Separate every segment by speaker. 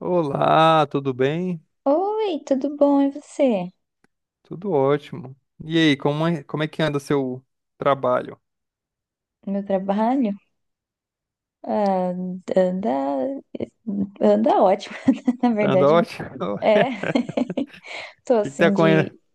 Speaker 1: Olá, tudo bem?
Speaker 2: Oi, tudo bom? E você?
Speaker 1: Tudo ótimo. E aí, como é que anda seu trabalho?
Speaker 2: Meu trabalho? Ah, anda, anda ótimo, na
Speaker 1: Tá anda
Speaker 2: verdade.
Speaker 1: ótimo?
Speaker 2: É, tô
Speaker 1: O que que tá
Speaker 2: assim
Speaker 1: acon-
Speaker 2: de,
Speaker 1: o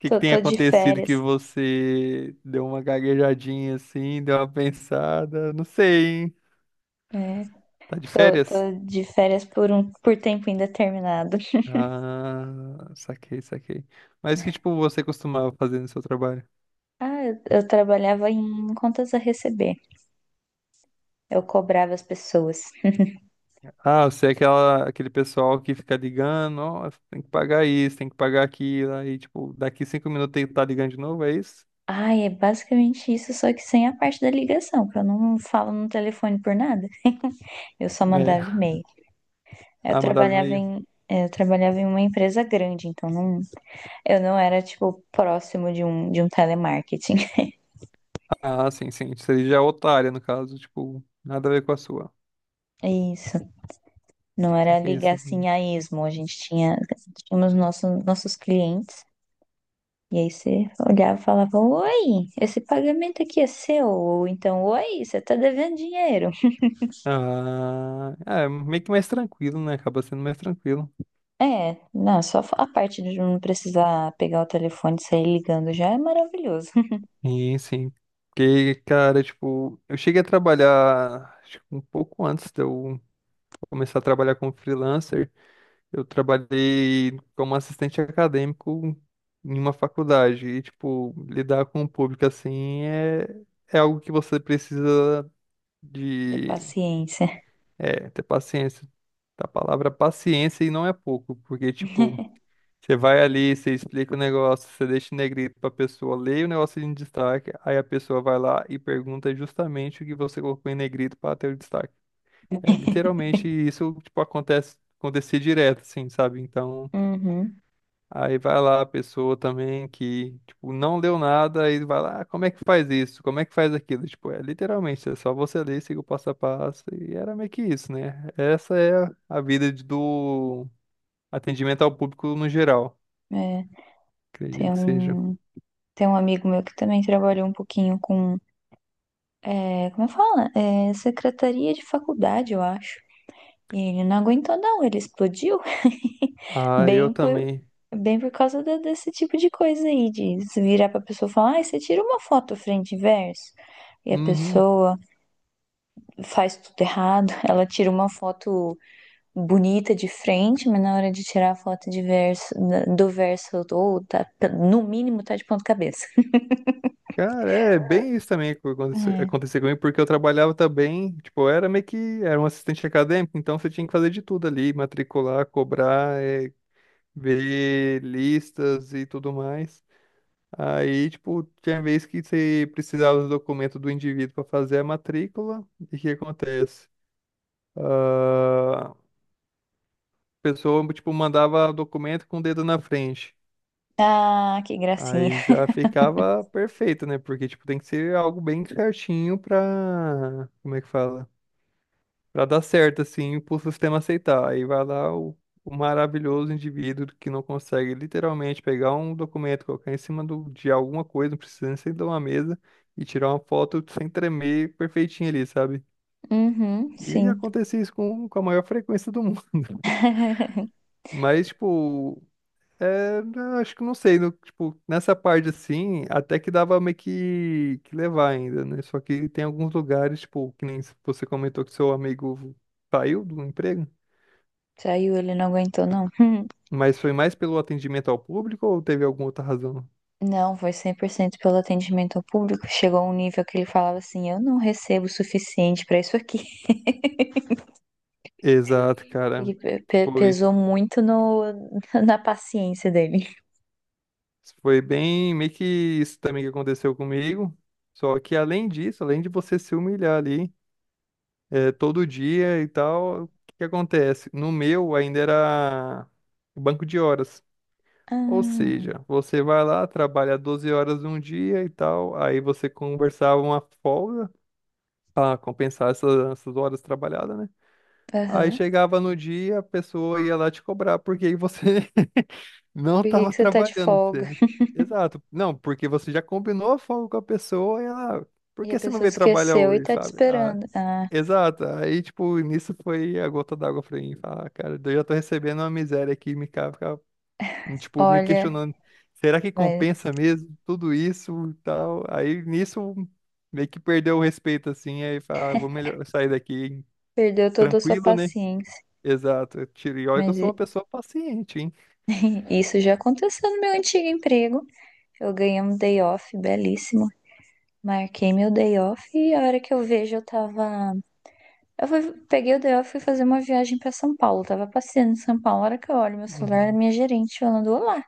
Speaker 1: que que
Speaker 2: tô,
Speaker 1: tem
Speaker 2: tô de
Speaker 1: acontecido que
Speaker 2: férias,
Speaker 1: você deu uma gaguejadinha assim, deu uma pensada? Não sei, hein?
Speaker 2: né?
Speaker 1: Tá de
Speaker 2: Tô
Speaker 1: férias?
Speaker 2: de férias por tempo indeterminado.
Speaker 1: Ah, saquei, saquei. Mas que tipo você costumava fazer no seu trabalho?
Speaker 2: Ah, eu trabalhava em contas a receber. Eu cobrava as pessoas.
Speaker 1: Ah, você é aquele pessoal que fica ligando, ó, tem que pagar isso, tem que pagar aquilo, aí tipo, daqui 5 minutos tem que tá ligando de novo, é isso?
Speaker 2: Ai, é basicamente isso, só que sem a parte da ligação, que eu não falo no telefone por nada. Eu só mandava
Speaker 1: É.
Speaker 2: e-mail. Eu
Speaker 1: Ah, mandava
Speaker 2: trabalhava
Speaker 1: e-mail?
Speaker 2: em, eu trabalhava em uma empresa grande, então não, eu não era, tipo, próximo de um telemarketing.
Speaker 1: Ah, sim, sim. Seria já outra área, no caso. Tipo, nada a ver com a sua.
Speaker 2: É isso. Não
Speaker 1: Será
Speaker 2: era
Speaker 1: que é isso
Speaker 2: ligar
Speaker 1: aqui?
Speaker 2: assim a esmo. Tínhamos nossos clientes. E aí você olhava e falava, oi, esse pagamento aqui é seu, ou então, oi, você tá devendo dinheiro.
Speaker 1: Ah, é meio que mais tranquilo, né? Acaba sendo mais tranquilo.
Speaker 2: É, não, só a parte de não precisar pegar o telefone e sair ligando já é maravilhoso.
Speaker 1: Sim, sim. Porque, cara, tipo, eu cheguei a trabalhar, acho que um pouco antes de eu começar a trabalhar como freelancer, eu trabalhei como assistente acadêmico em uma faculdade. E, tipo, lidar com o público assim é algo que você precisa
Speaker 2: Ter
Speaker 1: de,
Speaker 2: paciência.
Speaker 1: é, ter paciência. A palavra paciência e não é pouco, porque, tipo, você vai ali, você explica o negócio, você deixa em negrito pra pessoa ler o negócio em destaque, aí a pessoa vai lá e pergunta justamente o que você colocou em negrito pra ter o destaque. É, literalmente, isso, tipo, acontecer direto, assim, sabe? Então,
Speaker 2: Uhum,
Speaker 1: aí vai lá a pessoa também que, tipo, não leu nada, aí vai lá, "Ah, como é que faz isso? Como é que faz aquilo? Tipo, é literalmente, é só você ler, seguir o passo a passo, e era meio que isso, né? Essa é a vida do atendimento ao público no geral,
Speaker 2: é, ter
Speaker 1: acredito que seja.
Speaker 2: um, tem um amigo meu que também trabalhou um pouquinho com, é, como fala? É, secretaria de faculdade, eu acho. E ele não aguentou, não, ele explodiu.
Speaker 1: Ah, eu
Speaker 2: Bem por,
Speaker 1: também.
Speaker 2: bem por causa desse tipo de coisa aí, de se virar pra pessoa e falar, ah, você tira uma foto frente e verso. E a
Speaker 1: Uhum.
Speaker 2: pessoa faz tudo errado, ela tira uma foto bonita de frente, mas na hora de tirar a foto do verso, ou tá, no mínimo tá de ponta cabeça.
Speaker 1: Cara, é bem isso também que aconte-
Speaker 2: É.
Speaker 1: aconteceu comigo, porque eu trabalhava também, tipo, eu era meio que, era um assistente acadêmico, então você tinha que fazer de tudo ali, matricular, cobrar, ver listas e tudo mais. Aí, tipo, tinha vez que você precisava do documento do indivíduo para fazer a matrícula, e o que acontece? Ah, a pessoa, tipo, mandava o documento com o dedo na frente.
Speaker 2: Ah, que gracinha.
Speaker 1: Aí já ficava perfeito, né? Porque, tipo, tem que ser algo bem certinho pra... Como é que fala? Pra dar certo, assim, pro sistema aceitar. Aí vai lá o maravilhoso indivíduo que não consegue literalmente pegar um documento, colocar em cima de alguma coisa, não precisa nem ser de uma mesa, e tirar uma foto sem tremer perfeitinha ali, sabe?
Speaker 2: Uhum,
Speaker 1: E
Speaker 2: sim.
Speaker 1: acontece isso com a maior frequência do mundo. Mas, tipo, é, eu acho que não sei, tipo, nessa parte assim, até que dava meio que levar ainda, né? Só que tem alguns lugares, tipo, que nem você comentou que seu amigo saiu do emprego.
Speaker 2: Saiu, ele não aguentou, não.
Speaker 1: Mas foi mais pelo atendimento ao público ou teve alguma outra razão?
Speaker 2: Não, foi 100% pelo atendimento ao público. Chegou a um nível que ele falava assim: eu não recebo o suficiente pra isso aqui.
Speaker 1: Exato, cara.
Speaker 2: E
Speaker 1: Foi.
Speaker 2: pesou muito no, na paciência dele.
Speaker 1: Foi bem, meio que isso também que aconteceu comigo. Só que além disso, além de você se humilhar ali, todo dia e tal, o que que acontece? No meu ainda era banco de horas. Ou
Speaker 2: Ah,
Speaker 1: seja, você vai lá, trabalha 12 horas um dia e tal, aí você conversava uma folga para compensar essas horas trabalhadas, né? Aí
Speaker 2: aham.
Speaker 1: chegava no dia, a pessoa ia lá te cobrar, porque aí você não
Speaker 2: Por que que
Speaker 1: estava
Speaker 2: você tá de
Speaker 1: trabalhando,
Speaker 2: folga?
Speaker 1: entendeu? Exato. Não, porque você já combinou a folga com a pessoa e ela, por
Speaker 2: E a
Speaker 1: que você não
Speaker 2: pessoa
Speaker 1: veio trabalhar
Speaker 2: esqueceu e
Speaker 1: hoje,
Speaker 2: tá te
Speaker 1: sabe? Ah,
Speaker 2: esperando. Ah,
Speaker 1: exato. Aí, tipo, nisso foi a gota d'água pra mim. Falar, "Ah, cara, eu já tô recebendo uma miséria aqui, fica, tipo, me
Speaker 2: olha,
Speaker 1: questionando, será que
Speaker 2: vai-
Speaker 1: compensa mesmo tudo isso e tal? Aí, nisso, meio que perdeu o respeito, assim, aí fala, "Ah, vou melhor sair daqui
Speaker 2: perdeu toda a sua
Speaker 1: tranquilo, né?
Speaker 2: paciência.
Speaker 1: Exato. E olha que eu
Speaker 2: Mas
Speaker 1: sou uma pessoa paciente, hein?
Speaker 2: isso já aconteceu no meu antigo emprego. Eu ganhei um day off belíssimo. Marquei meu day off e a hora que eu vejo eu tava. Eu fui, peguei o day off e fui fazer uma viagem pra São Paulo. Tava passeando em São Paulo. A hora que eu olho meu celular, era
Speaker 1: Uhum.
Speaker 2: minha gerente falando: Olá,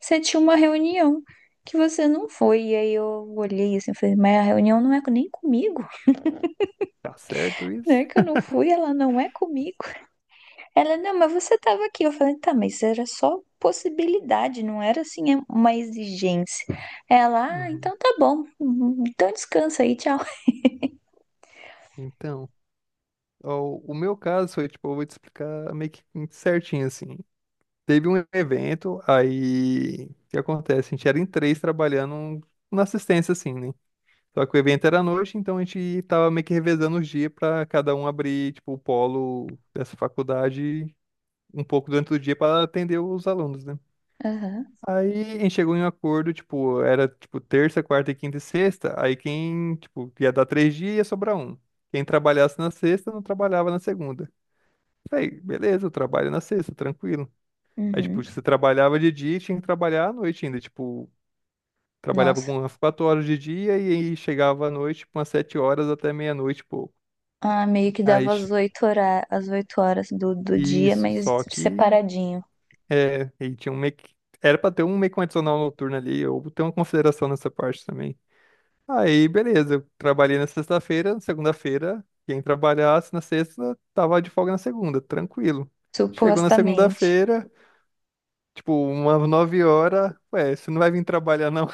Speaker 2: você tinha uma reunião que você não foi. E aí eu olhei assim e falei: Mas a reunião não é nem comigo.
Speaker 1: Tá certo
Speaker 2: Não
Speaker 1: isso?
Speaker 2: é que eu não fui, ela não é comigo. Ela: Não, mas você tava aqui. Eu falei: Tá, mas era só possibilidade, não era assim é uma exigência. Ela: Ah,
Speaker 1: Uhum.
Speaker 2: então tá bom. Então descansa aí, tchau.
Speaker 1: Então, ó, o meu caso foi, tipo, eu vou te explicar meio que certinho, assim. Teve um evento, aí, o que acontece? A gente era em três trabalhando na assistência, assim, né? Só que o evento era à noite, então a gente tava meio que revezando os dias pra cada um abrir, tipo, o polo dessa faculdade um pouco durante o dia pra atender os alunos, né?
Speaker 2: Aham,
Speaker 1: Aí a gente chegou em um acordo, tipo, era tipo terça, quarta e quinta e sexta, aí quem, tipo, ia dar 3 dias ia sobrar um. Quem trabalhasse na sexta não trabalhava na segunda. Falei, beleza, eu trabalho na sexta, tranquilo. Aí, tipo, você
Speaker 2: uhum.
Speaker 1: trabalhava de dia e tinha que trabalhar à noite ainda, tipo, trabalhava
Speaker 2: Nossa.
Speaker 1: algumas 4 horas de dia e aí chegava à noite, tipo, umas 7 horas até meia-noite, e pouco.
Speaker 2: Ah, meio que
Speaker 1: Aí,
Speaker 2: dava às oito horas do dia,
Speaker 1: isso,
Speaker 2: mas
Speaker 1: só que,
Speaker 2: separadinho,
Speaker 1: é, aí tinha um meio que, era pra ter um meio que um adicional noturno ali, ou ter uma consideração nessa parte também. Aí, beleza. Eu trabalhei na sexta-feira, na segunda-feira, quem trabalhasse na sexta tava de folga na segunda, tranquilo. Chegou na
Speaker 2: supostamente.
Speaker 1: segunda-feira, tipo, umas 9 horas, ué, você não vai vir trabalhar não?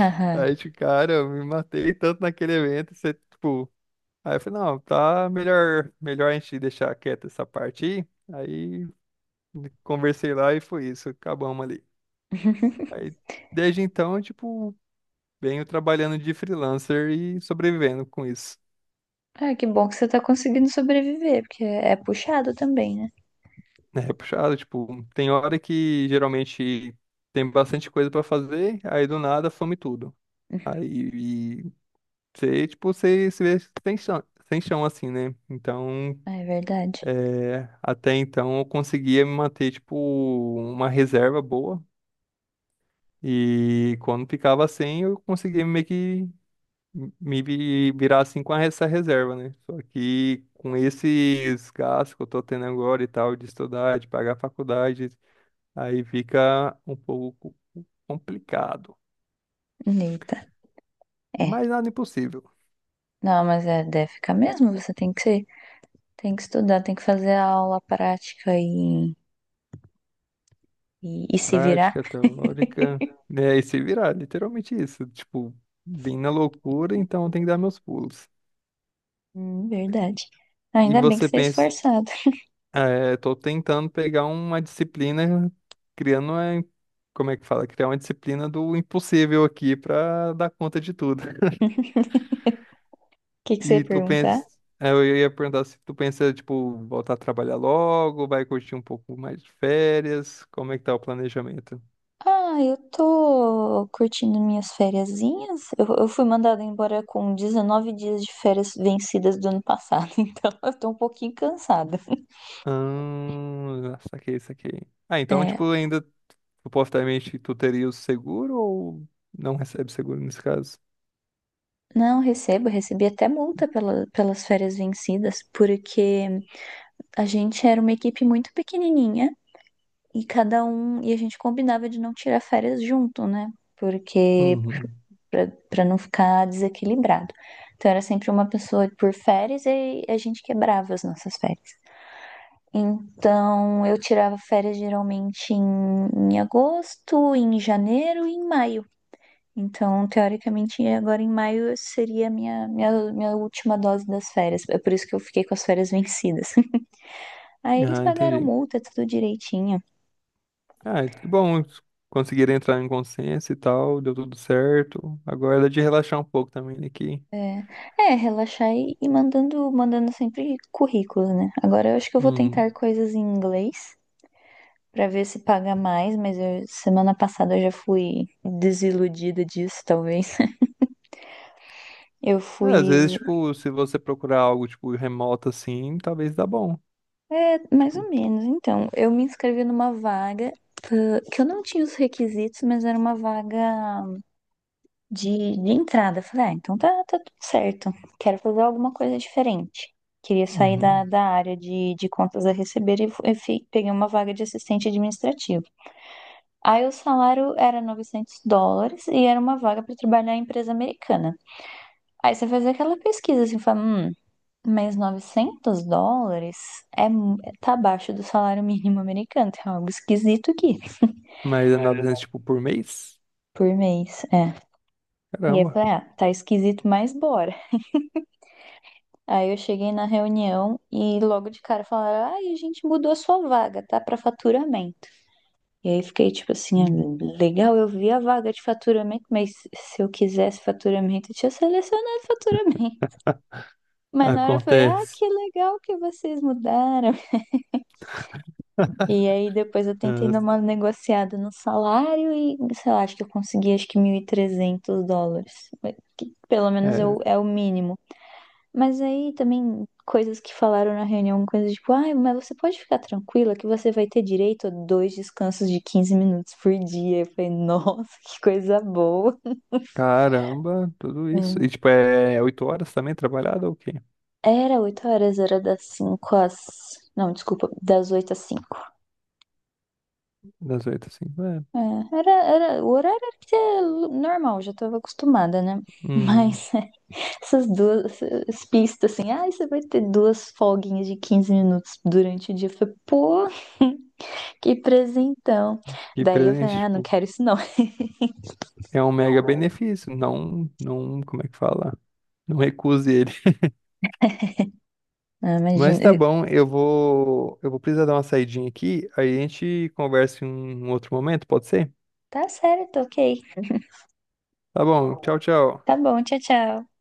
Speaker 1: Aí, tipo, cara, eu me matei tanto naquele evento, você, tipo, aí eu falei, não, tá melhor a gente deixar quieta essa parte aí. Aí conversei lá e foi isso, acabamos ali. Aí, desde então, tipo, venho trabalhando de freelancer e sobrevivendo com isso.
Speaker 2: Ah, que bom que você tá conseguindo sobreviver, porque é puxado também, né?
Speaker 1: É puxado, tipo, tem hora que geralmente tem bastante coisa pra fazer, aí do nada some tudo. Aí e você, tipo, você se vê sem chão, sem chão assim, né? Então,
Speaker 2: Ah, é verdade.
Speaker 1: é, até então eu conseguia me manter, tipo, uma reserva boa. E quando ficava sem, eu conseguia meio que me virar assim com essa reserva, né? Só que com esses gastos que eu tô tendo agora e tal, de estudar, de pagar faculdade. Aí fica um pouco complicado,
Speaker 2: Eita, é.
Speaker 1: mas nada impossível.
Speaker 2: Não, mas é, deve ficar mesmo, você tem que ser, tem que estudar, tem que fazer a aula prática e se virar.
Speaker 1: Prática, teórica, né? E se virar, literalmente isso. Tipo, bem na loucura, então tem que dar meus pulos.
Speaker 2: Verdade.
Speaker 1: E
Speaker 2: Ainda bem que
Speaker 1: você
Speaker 2: você é
Speaker 1: pensa,
Speaker 2: esforçado.
Speaker 1: é, tô tentando pegar uma disciplina, criando, uma, como é que fala? Criar uma disciplina do impossível aqui pra dar conta de tudo.
Speaker 2: O que que você ia
Speaker 1: E tu
Speaker 2: perguntar?
Speaker 1: pensa, é, eu ia perguntar se tu pensa, tipo, voltar a trabalhar logo, vai curtir um pouco mais de férias, como é que tá o planejamento?
Speaker 2: Ah, eu tô curtindo minhas fériasinhas. Eu fui mandada embora com 19 dias de férias vencidas do ano passado, então eu tô um pouquinho cansada.
Speaker 1: Ah, saquei, saquei. Ah, então,
Speaker 2: É,
Speaker 1: tipo, ainda, supostamente, tu teria o seguro ou não recebe seguro nesse caso?
Speaker 2: não, recebi até multa pelas férias vencidas, porque a gente era uma equipe muito pequenininha e a gente combinava de não tirar férias junto, né? Porque
Speaker 1: Uhum.
Speaker 2: pra não ficar desequilibrado. Então era sempre uma pessoa por férias e a gente quebrava as nossas férias. Então, eu tirava férias geralmente em agosto, em janeiro e em maio. Então, teoricamente, agora em maio seria a minha última dose das férias. É por isso que eu fiquei com as férias vencidas. Aí eles
Speaker 1: Ah,
Speaker 2: pagaram
Speaker 1: entendi.
Speaker 2: multa, tudo direitinho.
Speaker 1: Ah, que bom, conseguiram entrar em consenso e tal, deu tudo certo. Agora é de relaxar um pouco também aqui.
Speaker 2: É, é, relaxar e mandando sempre currículo, né? Agora eu acho que eu vou
Speaker 1: Uhum.
Speaker 2: tentar coisas em inglês. Pra ver se paga mais, mas semana passada eu já fui desiludida disso, talvez. Eu
Speaker 1: É, às
Speaker 2: fui
Speaker 1: vezes, tipo, se você procurar algo, tipo, remoto assim, talvez dá bom.
Speaker 2: É, mais ou
Speaker 1: Tipo,
Speaker 2: menos. Então, eu me inscrevi numa vaga que eu não tinha os requisitos, mas era uma vaga de entrada. Eu falei, ah, então tá, tá tudo certo. Quero fazer alguma coisa diferente. Queria sair da,
Speaker 1: uhum.
Speaker 2: da área de contas a receber e peguei uma vaga de assistente administrativo. Aí o salário era US$ 900 e era uma vaga para trabalhar em empresa americana. Aí você faz aquela pesquisa assim, fala, mas US$ 900 tá abaixo do salário mínimo americano. Tem algo esquisito aqui,
Speaker 1: Mas é
Speaker 2: né?
Speaker 1: 900, tipo, por mês?
Speaker 2: Por mês, é. E aí eu
Speaker 1: Caramba.
Speaker 2: falei, ah, tá esquisito, mas bora. Aí eu cheguei na reunião e logo de cara falaram, ah, e a gente mudou a sua vaga, tá? Pra faturamento. E aí fiquei tipo assim, ah,
Speaker 1: Hum.
Speaker 2: legal, eu vi a vaga de faturamento, mas se eu quisesse faturamento, eu tinha selecionado faturamento. Mas na hora eu falei, ah,
Speaker 1: Acontece.
Speaker 2: que legal que vocês mudaram. E aí depois eu tentei
Speaker 1: Ah,
Speaker 2: dar uma negociada no salário e, sei lá, acho que eu consegui acho que US$ 1.300. Que pelo menos é o,
Speaker 1: é,
Speaker 2: é o mínimo. Mas aí também coisas que falaram na reunião, coisas tipo, ai, mas você pode ficar tranquila que você vai ter direito a dois descansos de 15 minutos por dia. Eu falei, nossa, que coisa boa.
Speaker 1: caramba, tudo isso. E,
Speaker 2: É.
Speaker 1: tipo, é 8 horas também trabalhada ou o quê?
Speaker 2: Era 8 horas, era das 5 às... Não, desculpa, das 8 às cinco.
Speaker 1: Das oito, assim. É.
Speaker 2: É, o horário era que é normal, já estava acostumada, né?
Speaker 1: Uhum.
Speaker 2: Mas essas duas essas pistas assim, ah, você vai ter duas folguinhas de 15 minutos durante o dia. Eu falei, pô, que presentão.
Speaker 1: E
Speaker 2: Daí eu falei,
Speaker 1: presente,
Speaker 2: ah, não
Speaker 1: tipo,
Speaker 2: quero isso não.
Speaker 1: é um mega benefício. Não, não, como é que fala? Não recuse ele.
Speaker 2: Ah,
Speaker 1: Mas tá
Speaker 2: imagina.
Speaker 1: bom, eu vou precisar dar uma saidinha aqui. Aí a gente conversa em um outro momento, pode ser?
Speaker 2: Tá certo, ok.
Speaker 1: Tá bom, tchau, tchau.
Speaker 2: Tá bom, tchau, tchau.